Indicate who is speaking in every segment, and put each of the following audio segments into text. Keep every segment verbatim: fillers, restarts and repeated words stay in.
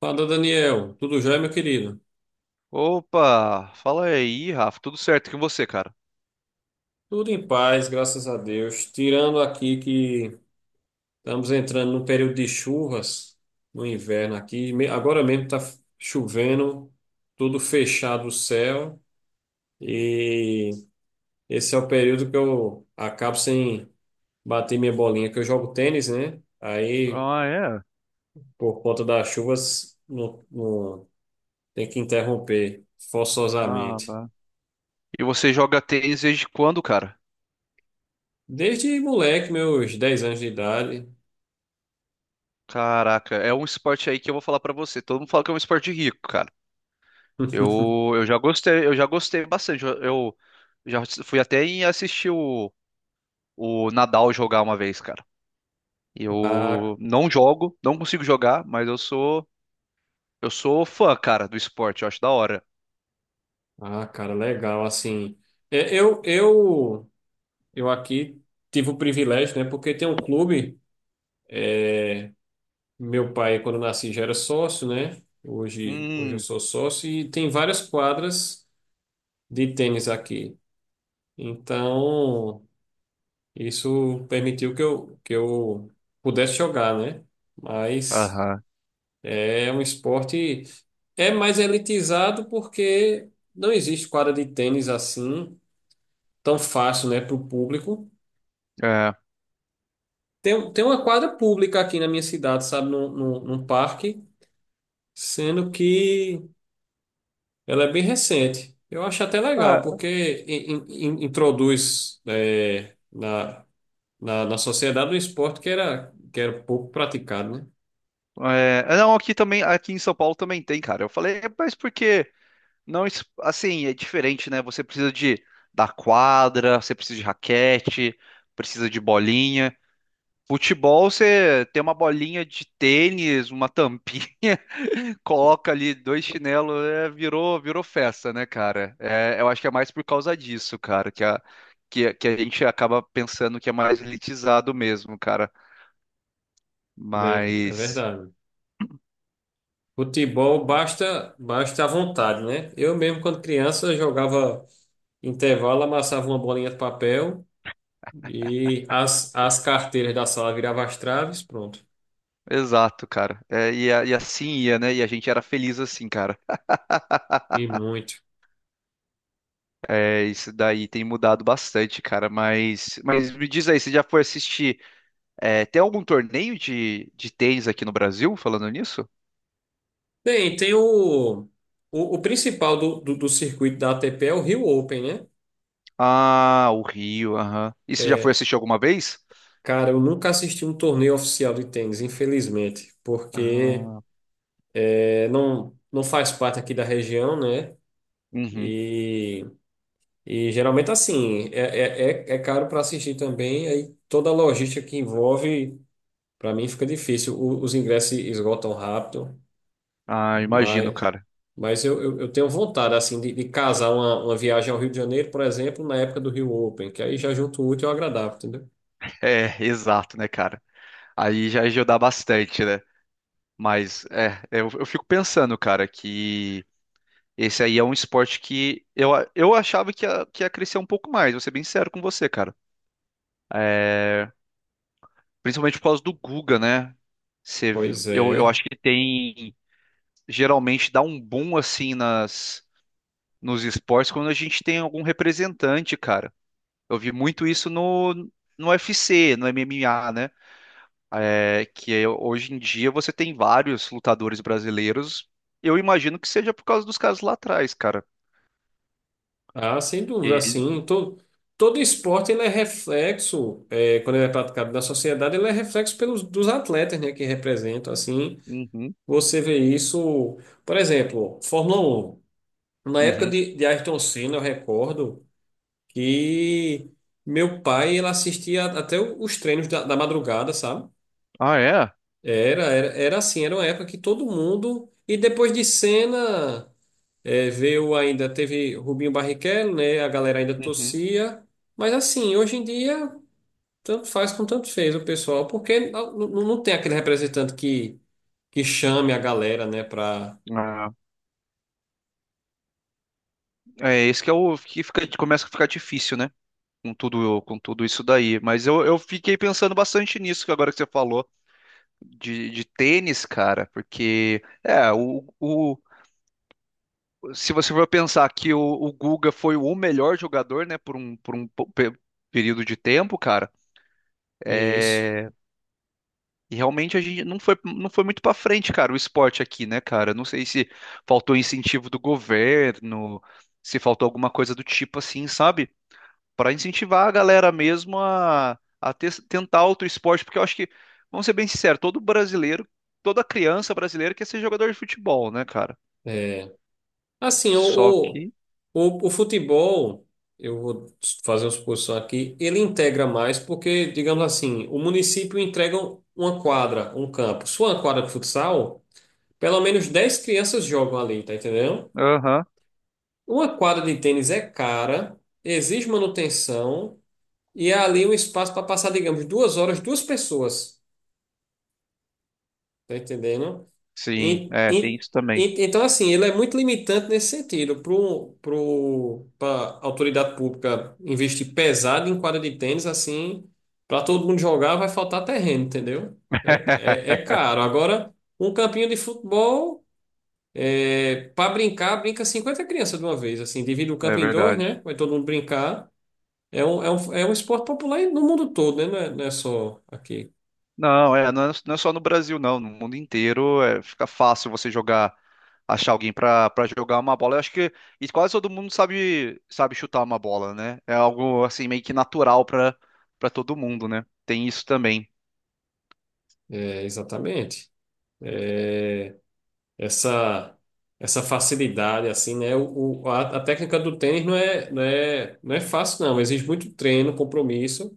Speaker 1: Fala, Daniel. Tudo jóia, meu querido?
Speaker 2: Opa, fala aí, Rafa. Tudo certo com você, cara?
Speaker 1: Tudo em paz, graças a Deus. Tirando aqui que estamos entrando num período de chuvas no inverno aqui. Me- Agora mesmo está chovendo, tudo fechado o céu. E esse é o período que eu acabo sem bater minha bolinha, que eu jogo tênis, né? Aí,
Speaker 2: Ah, é?
Speaker 1: por conta das chuvas, não, não- tem que interromper
Speaker 2: Ah,
Speaker 1: forçosamente.
Speaker 2: bah. E você joga tênis desde quando, cara?
Speaker 1: Desde moleque, meus dez anos de idade.
Speaker 2: Caraca, é um esporte aí que eu vou falar pra você. Todo mundo fala que é um esporte rico, cara. Eu, eu já gostei, eu já gostei bastante. Eu, eu já fui até em assistir o, o Nadal jogar uma vez, cara.
Speaker 1: Ah,
Speaker 2: Eu não jogo, não consigo jogar, mas eu sou eu sou fã, cara, do esporte. Eu acho da hora.
Speaker 1: Ah, cara, legal. Assim, é, eu, eu, eu aqui tive o privilégio, né? Porque tem um clube. Meu pai, quando eu nasci, já era sócio, né? Hoje, hoje eu
Speaker 2: Hum.
Speaker 1: sou sócio e tem várias quadras de tênis aqui. Então, isso permitiu que eu, que eu pudesse jogar, né? Mas
Speaker 2: Aham.
Speaker 1: é um esporte. É mais elitizado porque não existe quadra de tênis assim tão fácil, né, para o público.
Speaker 2: É.
Speaker 1: Tem, tem uma quadra pública aqui na minha cidade, sabe, num, num, num parque, sendo que ela é bem recente. Eu acho até legal,
Speaker 2: Cara,
Speaker 1: porque in- in- in- introduz é, na, na, na sociedade um esporte que era, que era pouco praticado, né?
Speaker 2: é, é, não, aqui também, aqui em São Paulo também tem, cara. Eu falei, "É, mas porque não, es- assim, é diferente, né? Você precisa de da quadra, você precisa de raquete, precisa de bolinha. Futebol, você tem uma bolinha de tênis, uma tampinha, coloca ali dois chinelos, é, virou, virou festa, né, cara? É, eu acho que é mais por causa disso, cara, que a, que, a- que a gente acaba pensando que é mais elitizado mesmo, cara.
Speaker 1: É, é
Speaker 2: Mas.
Speaker 1: verdade. Futebol basta, basta a vontade, né? Eu mesmo, quando criança, jogava intervalo, amassava uma bolinha de papel e as, as carteiras da sala viravam as traves, pronto.
Speaker 2: Exato, cara. É, e, a- e assim ia, né? E a gente era feliz assim, cara.
Speaker 1: E muito.
Speaker 2: É, isso daí tem mudado bastante, cara. Mas, mas me diz aí, você já foi assistir? É, tem algum torneio de, de tênis aqui no Brasil, falando nisso?
Speaker 1: Bem, tem o, o, o principal do, do, do circuito da A T P é o Rio Open, né?
Speaker 2: Ah, o Rio, aham. E você já foi
Speaker 1: É,
Speaker 2: assistir alguma vez?
Speaker 1: cara, eu nunca assisti um torneio oficial de tênis, infelizmente, porque
Speaker 2: Ah,
Speaker 1: é, não, não faz parte aqui da região, né?
Speaker 2: uhum.
Speaker 1: E, e geralmente assim, é, é, é é caro para assistir também, aí toda a logística que envolve, para mim fica difícil. O- os ingressos esgotam rápido,
Speaker 2: Ah, imagino,
Speaker 1: mas
Speaker 2: cara.
Speaker 1: Mas eu, eu, eu tenho vontade, assim, de, de casar uma, uma viagem ao Rio de Janeiro, por exemplo, na época do Rio Open, que aí já junto o útil ao agradável, entendeu?
Speaker 2: É, exato, né, cara? Aí já ajuda bastante, né? Mas, é, eu eu fico pensando, cara, que. Esse aí é um esporte que eu, eu achava que ia, que ia crescer um pouco mais, vou ser bem sincero com você, cara. É, principalmente por causa do Guga, né? Você-
Speaker 1: Pois
Speaker 2: eu, eu
Speaker 1: é.
Speaker 2: acho que tem. Geralmente dá um boom assim nas, nos esportes quando a gente tem algum representante, cara. Eu vi muito isso no, no U F C, no M M A, né? É, que é, hoje em dia você tem vários lutadores brasileiros. Eu imagino que seja por causa dos caras lá atrás, cara.
Speaker 1: Ah, sem
Speaker 2: E
Speaker 1: dúvida,
Speaker 2: ele...
Speaker 1: assim, todo, todo esporte ele é reflexo, é, quando ele é praticado na sociedade, ele é reflexo pelos, dos atletas, né, que representam, assim,
Speaker 2: Uhum,
Speaker 1: você vê isso, por exemplo, Fórmula um. Na época
Speaker 2: uhum.
Speaker 1: de, de Ayrton Senna, eu recordo que meu pai, ele assistia até os treinos da, da madrugada, sabe?
Speaker 2: Ah, é?
Speaker 1: Era, era, era assim, era uma época que todo mundo. E depois de Senna, eh, veio ainda, teve Rubinho Barrichello, né? A galera ainda
Speaker 2: Uhum.
Speaker 1: torcia. Mas assim, hoje em dia, tanto faz como tanto fez o pessoal, porque não, não não tem aquele representante que, que chame a galera, né, pra
Speaker 2: Ah, é, esse que é o que fica, começa a ficar difícil, né? Com tudo, com tudo isso daí. Mas eu, eu fiquei pensando bastante nisso que agora que você falou de, de tênis, cara, porque é o, o se você for pensar que o, o Guga foi o melhor jogador, né, por um, por um po- pe- período de tempo, cara,
Speaker 1: isso.
Speaker 2: é, e realmente a gente não foi, não foi muito pra frente, cara, o esporte aqui, né, cara? Não sei se faltou incentivo do governo, se faltou alguma coisa do tipo assim, sabe? Para incentivar a galera mesmo a, a ter- tentar outro esporte, porque eu acho que, vamos ser bem sinceros, todo brasileiro, toda criança brasileira quer ser jogador de futebol, né, cara?
Speaker 1: É. Assim, o,
Speaker 2: Só
Speaker 1: o,
Speaker 2: que.
Speaker 1: o, o futebol, eu vou fazer uma suposição aqui, ele integra mais porque, digamos assim, o município entrega um, uma quadra, um campo. Se for uma quadra de futsal, pelo menos dez crianças jogam ali, tá entendendo?
Speaker 2: Aham.
Speaker 1: Uma quadra de tênis é cara, exige manutenção e é ali um espaço para passar, digamos, duas horas, duas pessoas, tá entendendo?
Speaker 2: Sim,
Speaker 1: En-
Speaker 2: é, tem
Speaker 1: en-
Speaker 2: isso também.
Speaker 1: en- Então, assim, ele é muito limitante nesse sentido. Pro, pro, para a autoridade pública investir pesado em quadra de tênis, assim, para todo mundo jogar, vai faltar terreno, entendeu? É, é, é caro. Agora, um campinho de futebol, é, para brincar, brinca cinquenta crianças de uma vez, assim, divide o
Speaker 2: É
Speaker 1: campo em dois,
Speaker 2: verdade.
Speaker 1: né? Vai todo mundo brincar. É um, é um, é um esporte popular no mundo todo, né? Não é, não é só aqui.
Speaker 2: Não, é, não é, não é só no Brasil, não. No mundo inteiro é, fica fácil você jogar, achar alguém pra para jogar uma bola. Eu acho que e quase todo mundo sabe sabe chutar uma bola, né? É algo assim meio que natural pra para todo mundo, né? Tem isso também.
Speaker 1: É, exatamente. essa essa facilidade assim, né? O, o- a, a técnica do tênis não é, não é, não é fácil não, exige muito treino, compromisso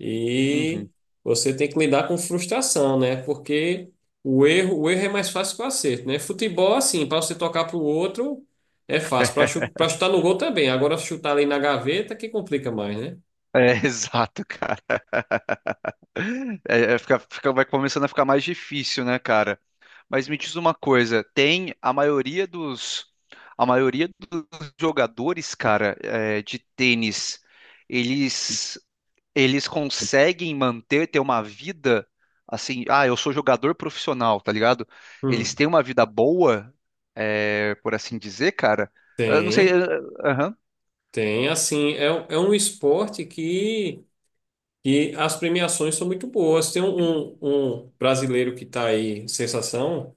Speaker 1: e
Speaker 2: Uhum.
Speaker 1: você tem que lidar com frustração, né? Porque o erro, o erro é mais fácil que o acerto, né? Futebol assim, para você tocar para o outro é fácil, para chu para chutar no gol também. Agora chutar ali na gaveta que complica mais, né?
Speaker 2: É, exato, cara. É, é, fica, fica- vai começando a ficar mais difícil, né, cara? Mas me diz uma coisa, tem a maioria dos, a maioria dos jogadores, cara, é, de tênis, eles, eles conseguem manter, ter uma vida assim, ah, eu sou jogador profissional, tá ligado? Eles
Speaker 1: Hum.
Speaker 2: têm uma vida boa, é, por assim dizer, cara. Eu não sei,
Speaker 1: Tem,
Speaker 2: eh, aham,
Speaker 1: tem assim, é, um- é um esporte que e as premiações são muito boas. Tem um, um, um brasileiro que está aí, sensação,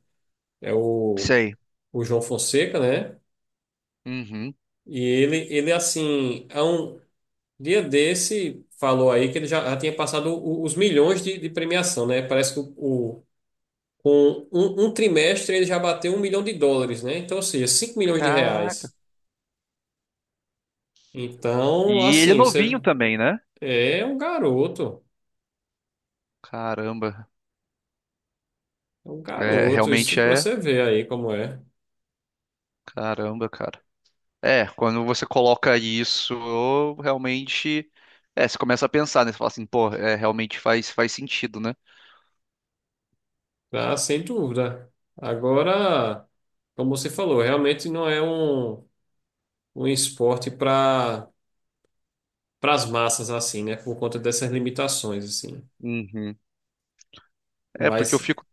Speaker 1: é o,
Speaker 2: sei.
Speaker 1: o João Fonseca, né?
Speaker 2: Uhum.
Speaker 1: E ele, ele assim, há um dia desse, falou aí que ele já, já tinha passado o- os milhões de, de premiação, né? Parece que o, o- com um, um trimestre ele já bateu um milhão de dólares, né? Então, ou seja, cinco milhões de
Speaker 2: Caraca.
Speaker 1: reais. Então,
Speaker 2: E ele é
Speaker 1: assim,
Speaker 2: novinho
Speaker 1: você
Speaker 2: também, né?
Speaker 1: é um garoto,
Speaker 2: Caramba.
Speaker 1: é um
Speaker 2: É,
Speaker 1: garoto,
Speaker 2: realmente
Speaker 1: isso para
Speaker 2: é.
Speaker 1: você ver aí como é.
Speaker 2: Caramba, cara. É, quando você coloca isso, realmente. É, você começa a pensar, né? Você fala assim, pô, é, realmente faz, faz sentido, né?
Speaker 1: Ah, sem dúvida. Agora, como você falou, realmente não é um, um esporte para para as massas assim, né? Por conta dessas limitações assim.
Speaker 2: Uhum. É, porque eu
Speaker 1: Mas
Speaker 2: fico.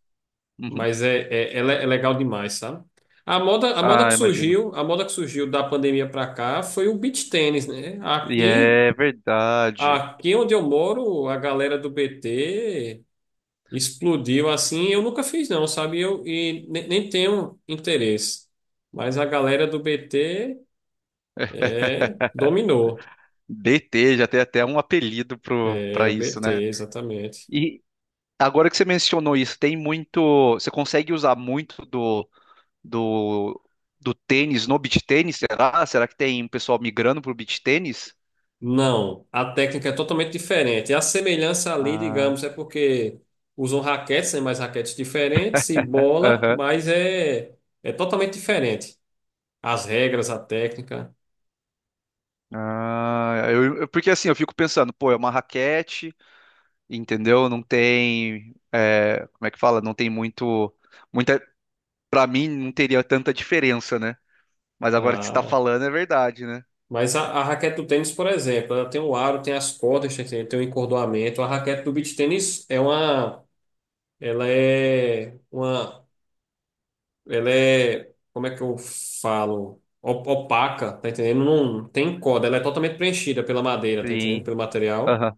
Speaker 2: Uhum.
Speaker 1: mas é, é, é, le- é legal demais, sabe? A moda a moda que
Speaker 2: Ah, imagino.
Speaker 1: surgiu, a moda que surgiu da pandemia para cá foi o beach tênis, né?
Speaker 2: E
Speaker 1: Aqui
Speaker 2: é verdade.
Speaker 1: aqui onde eu moro, a galera do B T explodiu assim. Eu nunca fiz, não, sabe? Eu, e ne- nem tenho interesse. Mas a galera do B T é, dominou.
Speaker 2: D T já tem até um apelido pro,
Speaker 1: É,
Speaker 2: pra
Speaker 1: o
Speaker 2: isso,
Speaker 1: B T,
Speaker 2: né?
Speaker 1: exatamente.
Speaker 2: E agora que você mencionou isso, tem muito. Você consegue usar muito do, do, do tênis no beach tênis, será? Será que tem pessoal migrando pro beach tênis?
Speaker 1: Não, a técnica é totalmente diferente. A semelhança ali,
Speaker 2: Ah,
Speaker 1: digamos, é porque usam raquetes, né, mas raquetes diferentes, e bola,
Speaker 2: aham.
Speaker 1: mas é, é totalmente diferente. As regras, a técnica.
Speaker 2: Ah, eu, eu- porque assim, eu fico pensando, pô, é uma raquete, entendeu? Não tem, é, como é que fala? Não tem muito, muita, para mim não teria tanta diferença, né? Mas agora que você está falando é verdade, né?
Speaker 1: Mas a, a raquete do tênis, por exemplo, ela tem o aro, tem as cordas, tem, tem o encordoamento. A raquete do beach tênis é uma, ela é uma, ela é, como é que eu falo? O- Opaca, tá entendendo? Não tem corda, ela é totalmente preenchida pela madeira, tá entendendo?
Speaker 2: Sim.
Speaker 1: Pelo material.
Speaker 2: Aham.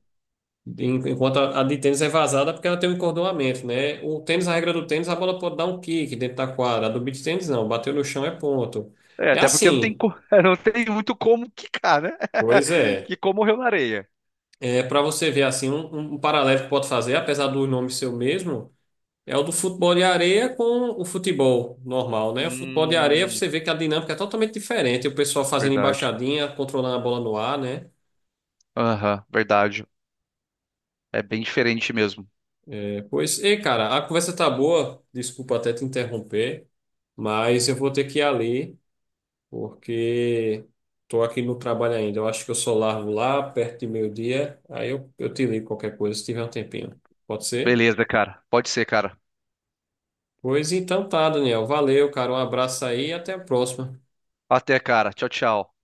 Speaker 1: En- Enquanto a, a de tênis é vazada porque ela tem o encordoamento, né? O tênis, a regra do tênis, a bola pode dar um kick dentro da quadra. A do beach tênis não, bateu no chão é ponto.
Speaker 2: É,
Speaker 1: É
Speaker 2: até porque não tem,
Speaker 1: assim.
Speaker 2: co- não tem muito como quicar, né?
Speaker 1: Pois é.
Speaker 2: Que como morreu na areia.
Speaker 1: É, para você ver assim, um, um um paralelo que pode fazer, apesar do nome ser o mesmo, é o do futebol de areia com o futebol normal, né? O futebol de areia
Speaker 2: Hum,
Speaker 1: você vê que a dinâmica é totalmente diferente, o pessoal fazendo
Speaker 2: verdade.
Speaker 1: embaixadinha, controlando a bola no ar, né?
Speaker 2: Aham, verdade. É bem diferente mesmo.
Speaker 1: É, pois, ei, cara, a conversa tá boa, desculpa até te interromper, mas eu vou ter que ir ali, porque tô aqui no trabalho ainda. Eu acho que eu só largo lá perto de meio-dia, aí eu, eu te ligo qualquer coisa se tiver um tempinho. Pode ser?
Speaker 2: Beleza, cara. Pode ser, cara.
Speaker 1: Pois então tá, Daniel. Valeu, cara. Um abraço aí e até a próxima.
Speaker 2: Até, cara. Tchau, tchau.